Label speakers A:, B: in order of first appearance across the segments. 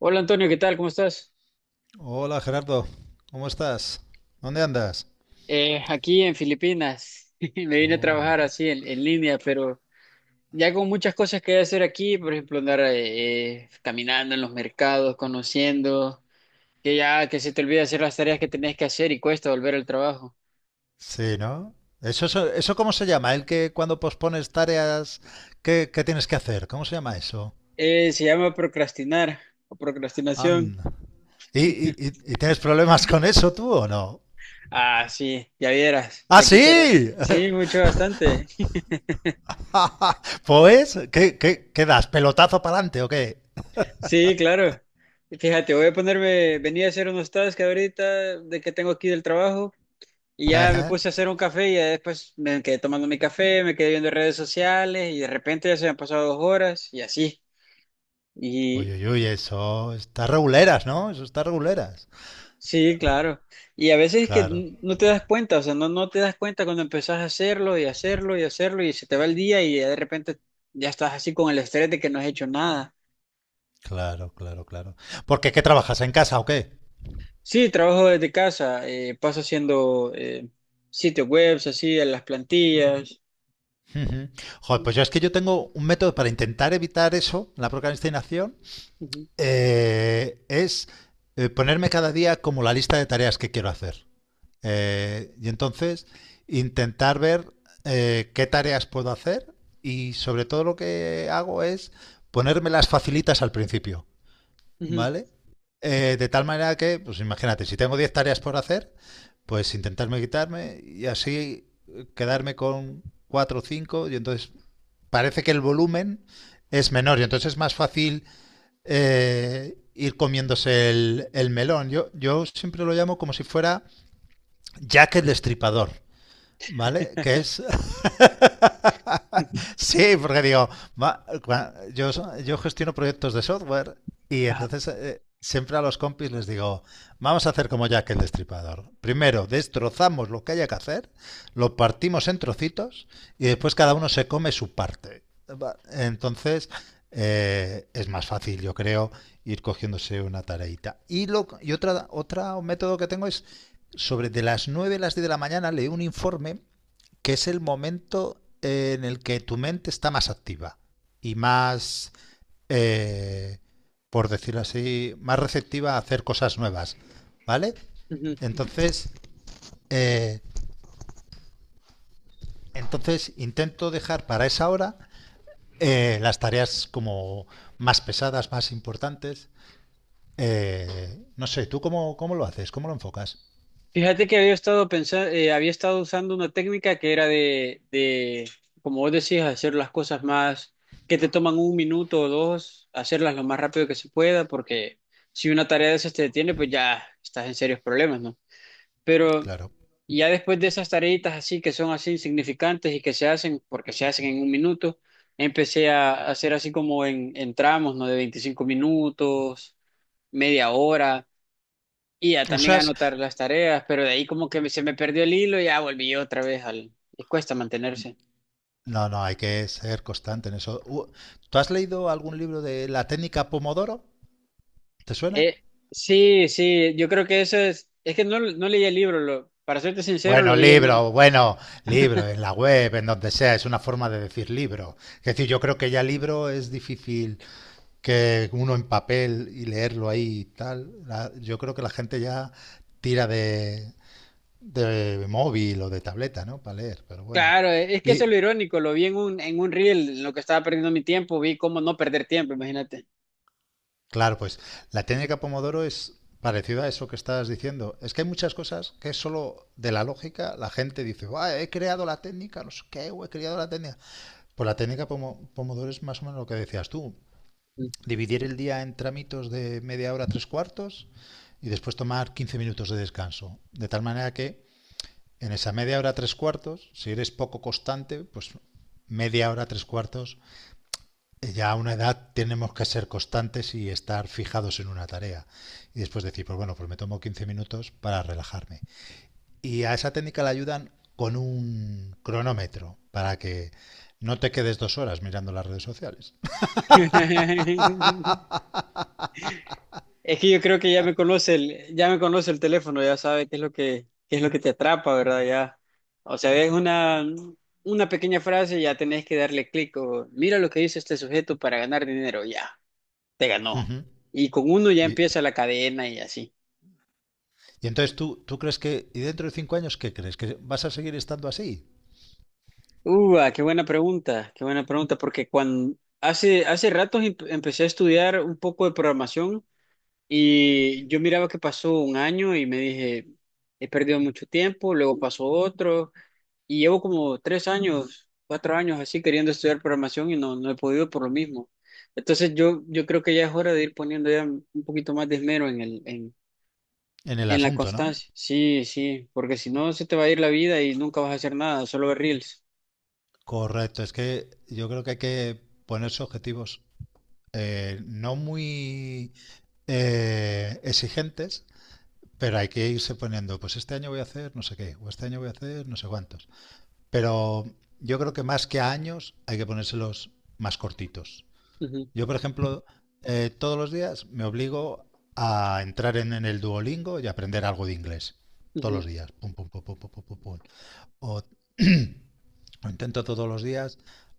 A: Hola Antonio, ¿qué tal? ¿Cómo estás?
B: Hola Gerardo, ¿cómo estás? ¿Dónde andas?
A: Aquí en Filipinas. Me vine a
B: Oh,
A: trabajar así en línea, pero ya con muchas cosas que hacer aquí, por ejemplo, andar caminando en los mercados, conociendo, que ya que se te olvida hacer las tareas que tenías que hacer y cuesta volver al trabajo.
B: sí, ¿no? ¿Eso cómo se llama? El que cuando pospones tareas ¿qué tienes que hacer, ¿cómo se llama eso?
A: Se llama procrastinar o procrastinación.
B: Anda. ¿Y, y- y- y tienes problemas con eso tú o no?
A: Ah, sí, ya vieras,
B: ¡Ah,
A: ya quisiera.
B: sí!
A: Sí, mucho, bastante.
B: Pues, ¿qué das? ¿Pelotazo para adelante o qué?
A: Sí, claro. Fíjate, voy a ponerme, venía a hacer unos tasks ahorita de que tengo aquí del trabajo. Y ya me
B: Ejé.
A: puse a hacer un café y ya después me quedé tomando mi café, me quedé viendo redes sociales y de repente ya se me han pasado dos horas y así.
B: Uy,
A: Y
B: uy, uy, eso está reguleras, ¿no? Eso está reguleras.
A: sí, claro. Y a veces es que
B: Claro,
A: no te das cuenta, o sea, no te das cuenta cuando empezás a hacerlo y hacerlo y hacerlo y se te va el día y ya de repente ya estás así con el estrés de que no has hecho nada.
B: claro, claro, claro. ¿Por qué? ¿Qué trabajas en casa o qué?
A: Sí, trabajo desde casa, paso haciendo sitios webs, así, en las plantillas.
B: Ujú. Joder, pues yo es que yo tengo un método para intentar evitar eso, la procrastinación,
A: Ujú,
B: es ponerme cada día como la lista de tareas que quiero hacer. Y entonces intentar ver qué tareas puedo hacer, y sobre todo lo que hago es ponérmelas facilitas al principio.
A: ujú.
B: ¿Vale? De tal manera que, pues imagínate, si tengo 10 tareas por hacer, pues intentarme quitarme y así quedarme con 4 o cinco, y entonces parece que el volumen es menor y entonces es más fácil ir comiéndose el melón. Yo siempre lo llamo como si fuera Jack el Destripador, ¿vale? Que es... Sí, porque digo, yo gestiono proyectos de software y
A: Ajá.
B: entonces siempre a los compis les digo, vamos a hacer como Jack el Destripador. Primero destrozamos lo que haya que hacer, lo partimos en trocitos y después cada uno se come su parte. Entonces es más fácil, yo creo, ir cogiéndose una tareita. Y otro método que tengo es sobre de las 9 a las 10 de la mañana leo un informe, que es el momento en el que tu mente está más activa y más, eh, por decirlo así, más receptiva a hacer cosas nuevas, ¿vale? Entonces, eh, entonces intento dejar para esa hora las tareas como más pesadas, más importantes. No sé, ¿tú cómo lo haces? ¿Cómo lo enfocas?
A: Fíjate que había estado pensando, había estado usando una técnica que era como vos decís, hacer las cosas más que te toman un minuto o dos, hacerlas lo más rápido que se pueda, porque si una tarea de esas te detiene, pues ya estás en serios problemas, ¿no? Pero
B: Claro.
A: ya después de esas tareitas así que son así insignificantes y que se hacen porque se hacen en un minuto, empecé a hacer así como en tramos, ¿no? De 25 minutos, media hora y ya también
B: ¿Usas?
A: anotar las tareas, pero de ahí como que se me perdió el hilo y ya volví otra vez al... Y cuesta mantenerse.
B: No, no, hay que ser constante en eso. ¿Tú has leído algún libro de la técnica Pomodoro? ¿Te suena?
A: Eh, sí, sí, yo creo que eso es... Es que no leí el libro, lo, para serte sincero, lo
B: Bueno,
A: vi en un...
B: libro, bueno, libro, en la web, en donde sea, es una forma de decir libro. Es decir, yo creo que ya libro es difícil, que uno en papel y leerlo ahí y tal. Yo creo que la gente ya tira de móvil o de tableta, ¿no? Para leer, pero bueno.
A: Claro, es que eso es lo
B: Y
A: irónico, lo vi en un reel, en lo que estaba perdiendo mi tiempo, vi cómo no perder tiempo, imagínate.
B: claro, pues la técnica Pomodoro es parecida a eso que estabas diciendo. Es que hay muchas cosas que es solo de la lógica. La gente dice: "Buah, he creado la técnica, no sé qué, o he creado la técnica". Pues la técnica Pomodoro es más o menos lo que decías tú. Dividir el día en tramitos de media hora, tres cuartos, y después tomar 15 minutos de descanso. De tal manera que en esa media hora, tres cuartos, si eres poco constante, pues media hora, tres cuartos, ya a una edad tenemos que ser constantes y estar fijados en una tarea. Y después decir, pues bueno, pues me tomo 15 minutos para relajarme. Y a esa técnica la ayudan con un cronómetro para que no te quedes 2 horas mirando las redes sociales.
A: Es que yo creo que ya me conoce el, ya me conoce el teléfono, ya sabe qué es lo que, qué es lo que te atrapa, ¿verdad? Ya. O sea, es una pequeña frase y ya tenés que darle clic o mira lo que dice este sujeto para ganar dinero, ya, te ganó.
B: Ujú.
A: Y con uno ya
B: Y,
A: empieza la cadena y así.
B: y entonces tú crees que, y dentro de 5 años, ¿qué crees? ¿Que vas a seguir estando así?
A: Ah, qué buena pregunta, porque cuando hace, hace ratos empecé a estudiar un poco de programación y yo miraba que pasó un año y me dije, he perdido mucho tiempo, luego pasó otro. Y llevo como tres años, cuatro años así queriendo estudiar programación y no he podido por lo mismo. Entonces yo creo que ya es hora de ir poniendo ya un poquito más de esmero en
B: En el
A: en la
B: asunto, ¿no?
A: constancia. Sí, sí, porque si no se te va a ir la vida y nunca vas a hacer nada, solo ver reels.
B: Correcto, es que yo creo que hay que ponerse objetivos no muy exigentes, pero hay que irse poniendo, pues este año voy a hacer no sé qué, o este año voy a hacer no sé cuántos. Pero yo creo que más que a años hay que ponérselos más cortitos.
A: Ujú,
B: Yo, por ejemplo, todos los días me obligo a entrar en el Duolingo y aprender algo de inglés. Todos
A: ujú.
B: los días. Pum, pum, pum, pum, pum, pum, pum, pum. O, o intento todos los días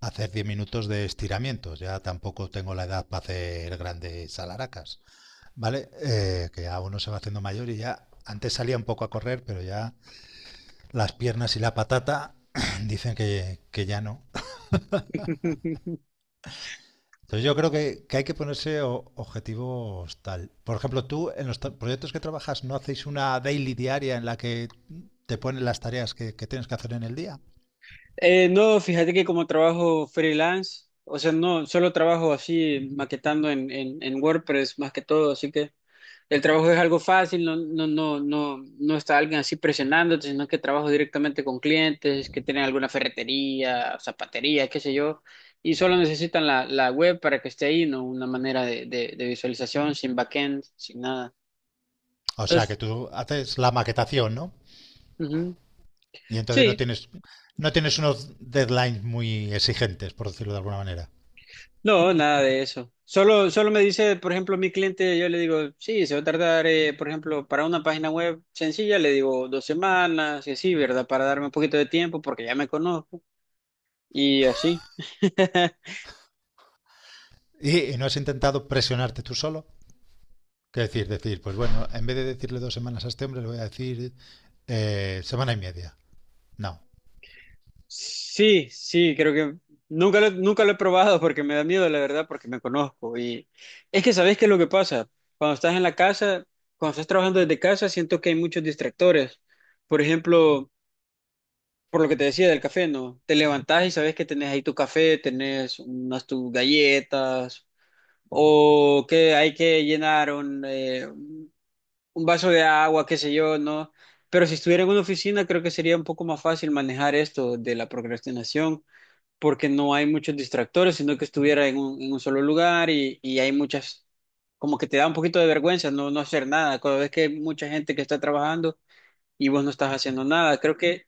B: hacer 10 minutos de estiramientos. Ya tampoco tengo la edad para hacer grandes alaracas. ¿Vale? Que ya uno se va haciendo mayor y ya antes salía un poco a correr, pero ya las piernas y la patata dicen que ya no. Entonces yo creo que hay que ponerse objetivos tal. Por ejemplo, tú en los proyectos que trabajas, ¿no hacéis una daily diaria en la que te ponen las tareas que tienes que hacer en el día?
A: No, fíjate que como trabajo freelance, o sea, no, solo trabajo así maquetando en WordPress más que todo, así que el trabajo es algo fácil, no, no, no, no, no está alguien así presionándote, sino que trabajo directamente con clientes que tienen alguna ferretería, zapatería, qué sé yo, y solo necesitan la web para que esté ahí, no una manera de visualización, sin backend, sin nada.
B: O sea, que
A: Entonces,
B: tú haces la maquetación, ¿no?
A: ujú.
B: Y entonces no
A: Sí,
B: tienes, no tienes unos deadlines muy exigentes, por decirlo de alguna manera.
A: no, nada de eso. Solo, solo me dice, por ejemplo, mi cliente, yo le digo, sí, se va a tardar, por ejemplo, para una página web sencilla, le digo dos semanas y así, ¿verdad? Para darme un poquito de tiempo porque ya me conozco. Y así.
B: Y no has intentado presionarte tú solo. ¿Qué decir? Decir, pues bueno, en vez de decirle 2 semanas a este hombre, le voy a decir semana y media. No,
A: Sí, sí, creo que nunca lo, nunca lo he probado porque me da miedo, la verdad, porque me conozco. Y es que sabes qué es lo que pasa. Cuando estás en la casa, cuando estás trabajando desde casa, siento que hay muchos distractores. Por ejemplo, por lo que te decía del café, ¿no? Te levantás y sabes que tenés ahí tu café, tenés unas tus galletas, o que hay que llenar un vaso de agua, qué sé yo, ¿no? Pero si estuviera en una oficina, creo que sería un poco más fácil manejar esto de la procrastinación, porque no hay muchos distractores, sino que estuviera en un solo lugar y hay muchas, como que te da un poquito de vergüenza no hacer nada, cuando ves que hay mucha gente que está trabajando y vos no estás haciendo nada. Creo que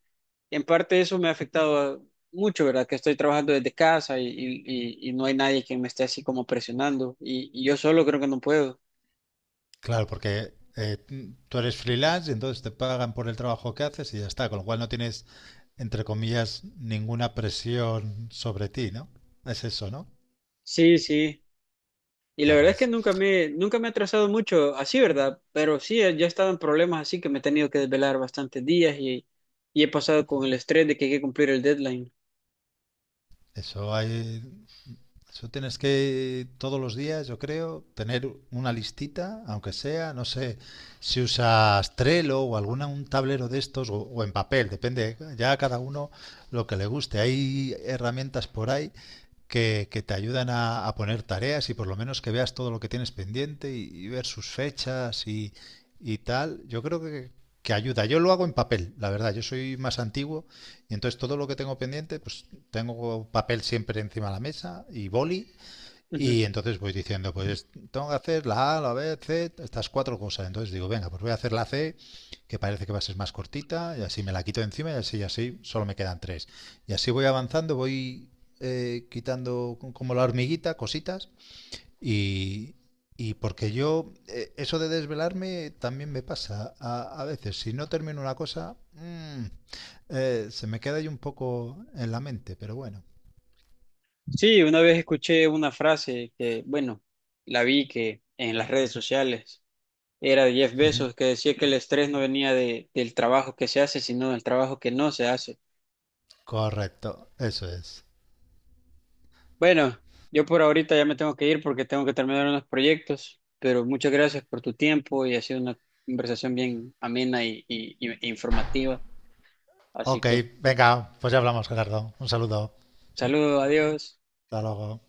A: en parte eso me ha afectado mucho, ¿verdad? Que estoy trabajando desde casa y y no hay nadie que me esté así como presionando y yo solo creo que no puedo.
B: claro, porque tú eres freelance y entonces te pagan por el trabajo que haces y ya está, con lo cual no tienes, entre comillas, ninguna presión sobre ti, ¿no? Es eso, ¿no?
A: Sí, sí. Y la
B: Claro,
A: verdad es que
B: es,
A: nunca me, nunca me he atrasado mucho así, ¿verdad? Pero sí, ya he estado en problemas así que me he tenido que desvelar bastantes días y he pasado con el estrés de que hay que cumplir el deadline.
B: eso hay, eso tienes que todos los días, yo creo, tener una listita, aunque sea, no sé, si usas Trello o alguna un tablero de estos o en papel, depende ya a cada uno lo que le guste. Hay herramientas por ahí que te ayudan a poner tareas y por lo menos que veas todo lo que tienes pendiente y ver sus fechas y tal. Yo creo que ayuda. Yo lo hago en papel, la verdad. Yo soy más antiguo y entonces todo lo que tengo pendiente, pues tengo papel siempre encima de la mesa y boli,
A: Ujú.
B: y entonces voy diciendo, pues tengo que hacer la A, la B, C, estas cuatro cosas. Entonces digo, venga, pues voy a hacer la C, que parece que va a ser más cortita, y así me la quito de encima, y así, solo me quedan tres. Y así voy avanzando, voy quitando como la hormiguita, cositas, y, y porque yo, eso de desvelarme también me pasa a veces. Si no termino una cosa, se me queda ahí un poco en la mente, pero bueno.
A: Sí, una vez escuché una frase que, bueno, la vi que en las redes sociales era de Jeff
B: Ujú.
A: Bezos que decía que el estrés no venía del trabajo que se hace, sino del trabajo que no se hace.
B: Correcto, eso es.
A: Bueno, yo por ahorita ya me tengo que ir porque tengo que terminar unos proyectos, pero muchas gracias por tu tiempo y ha sido una conversación bien amena e informativa. Así
B: Ok,
A: que,
B: venga, pues ya hablamos, Gerardo. Un saludo.
A: saludos, adiós.
B: Hasta luego.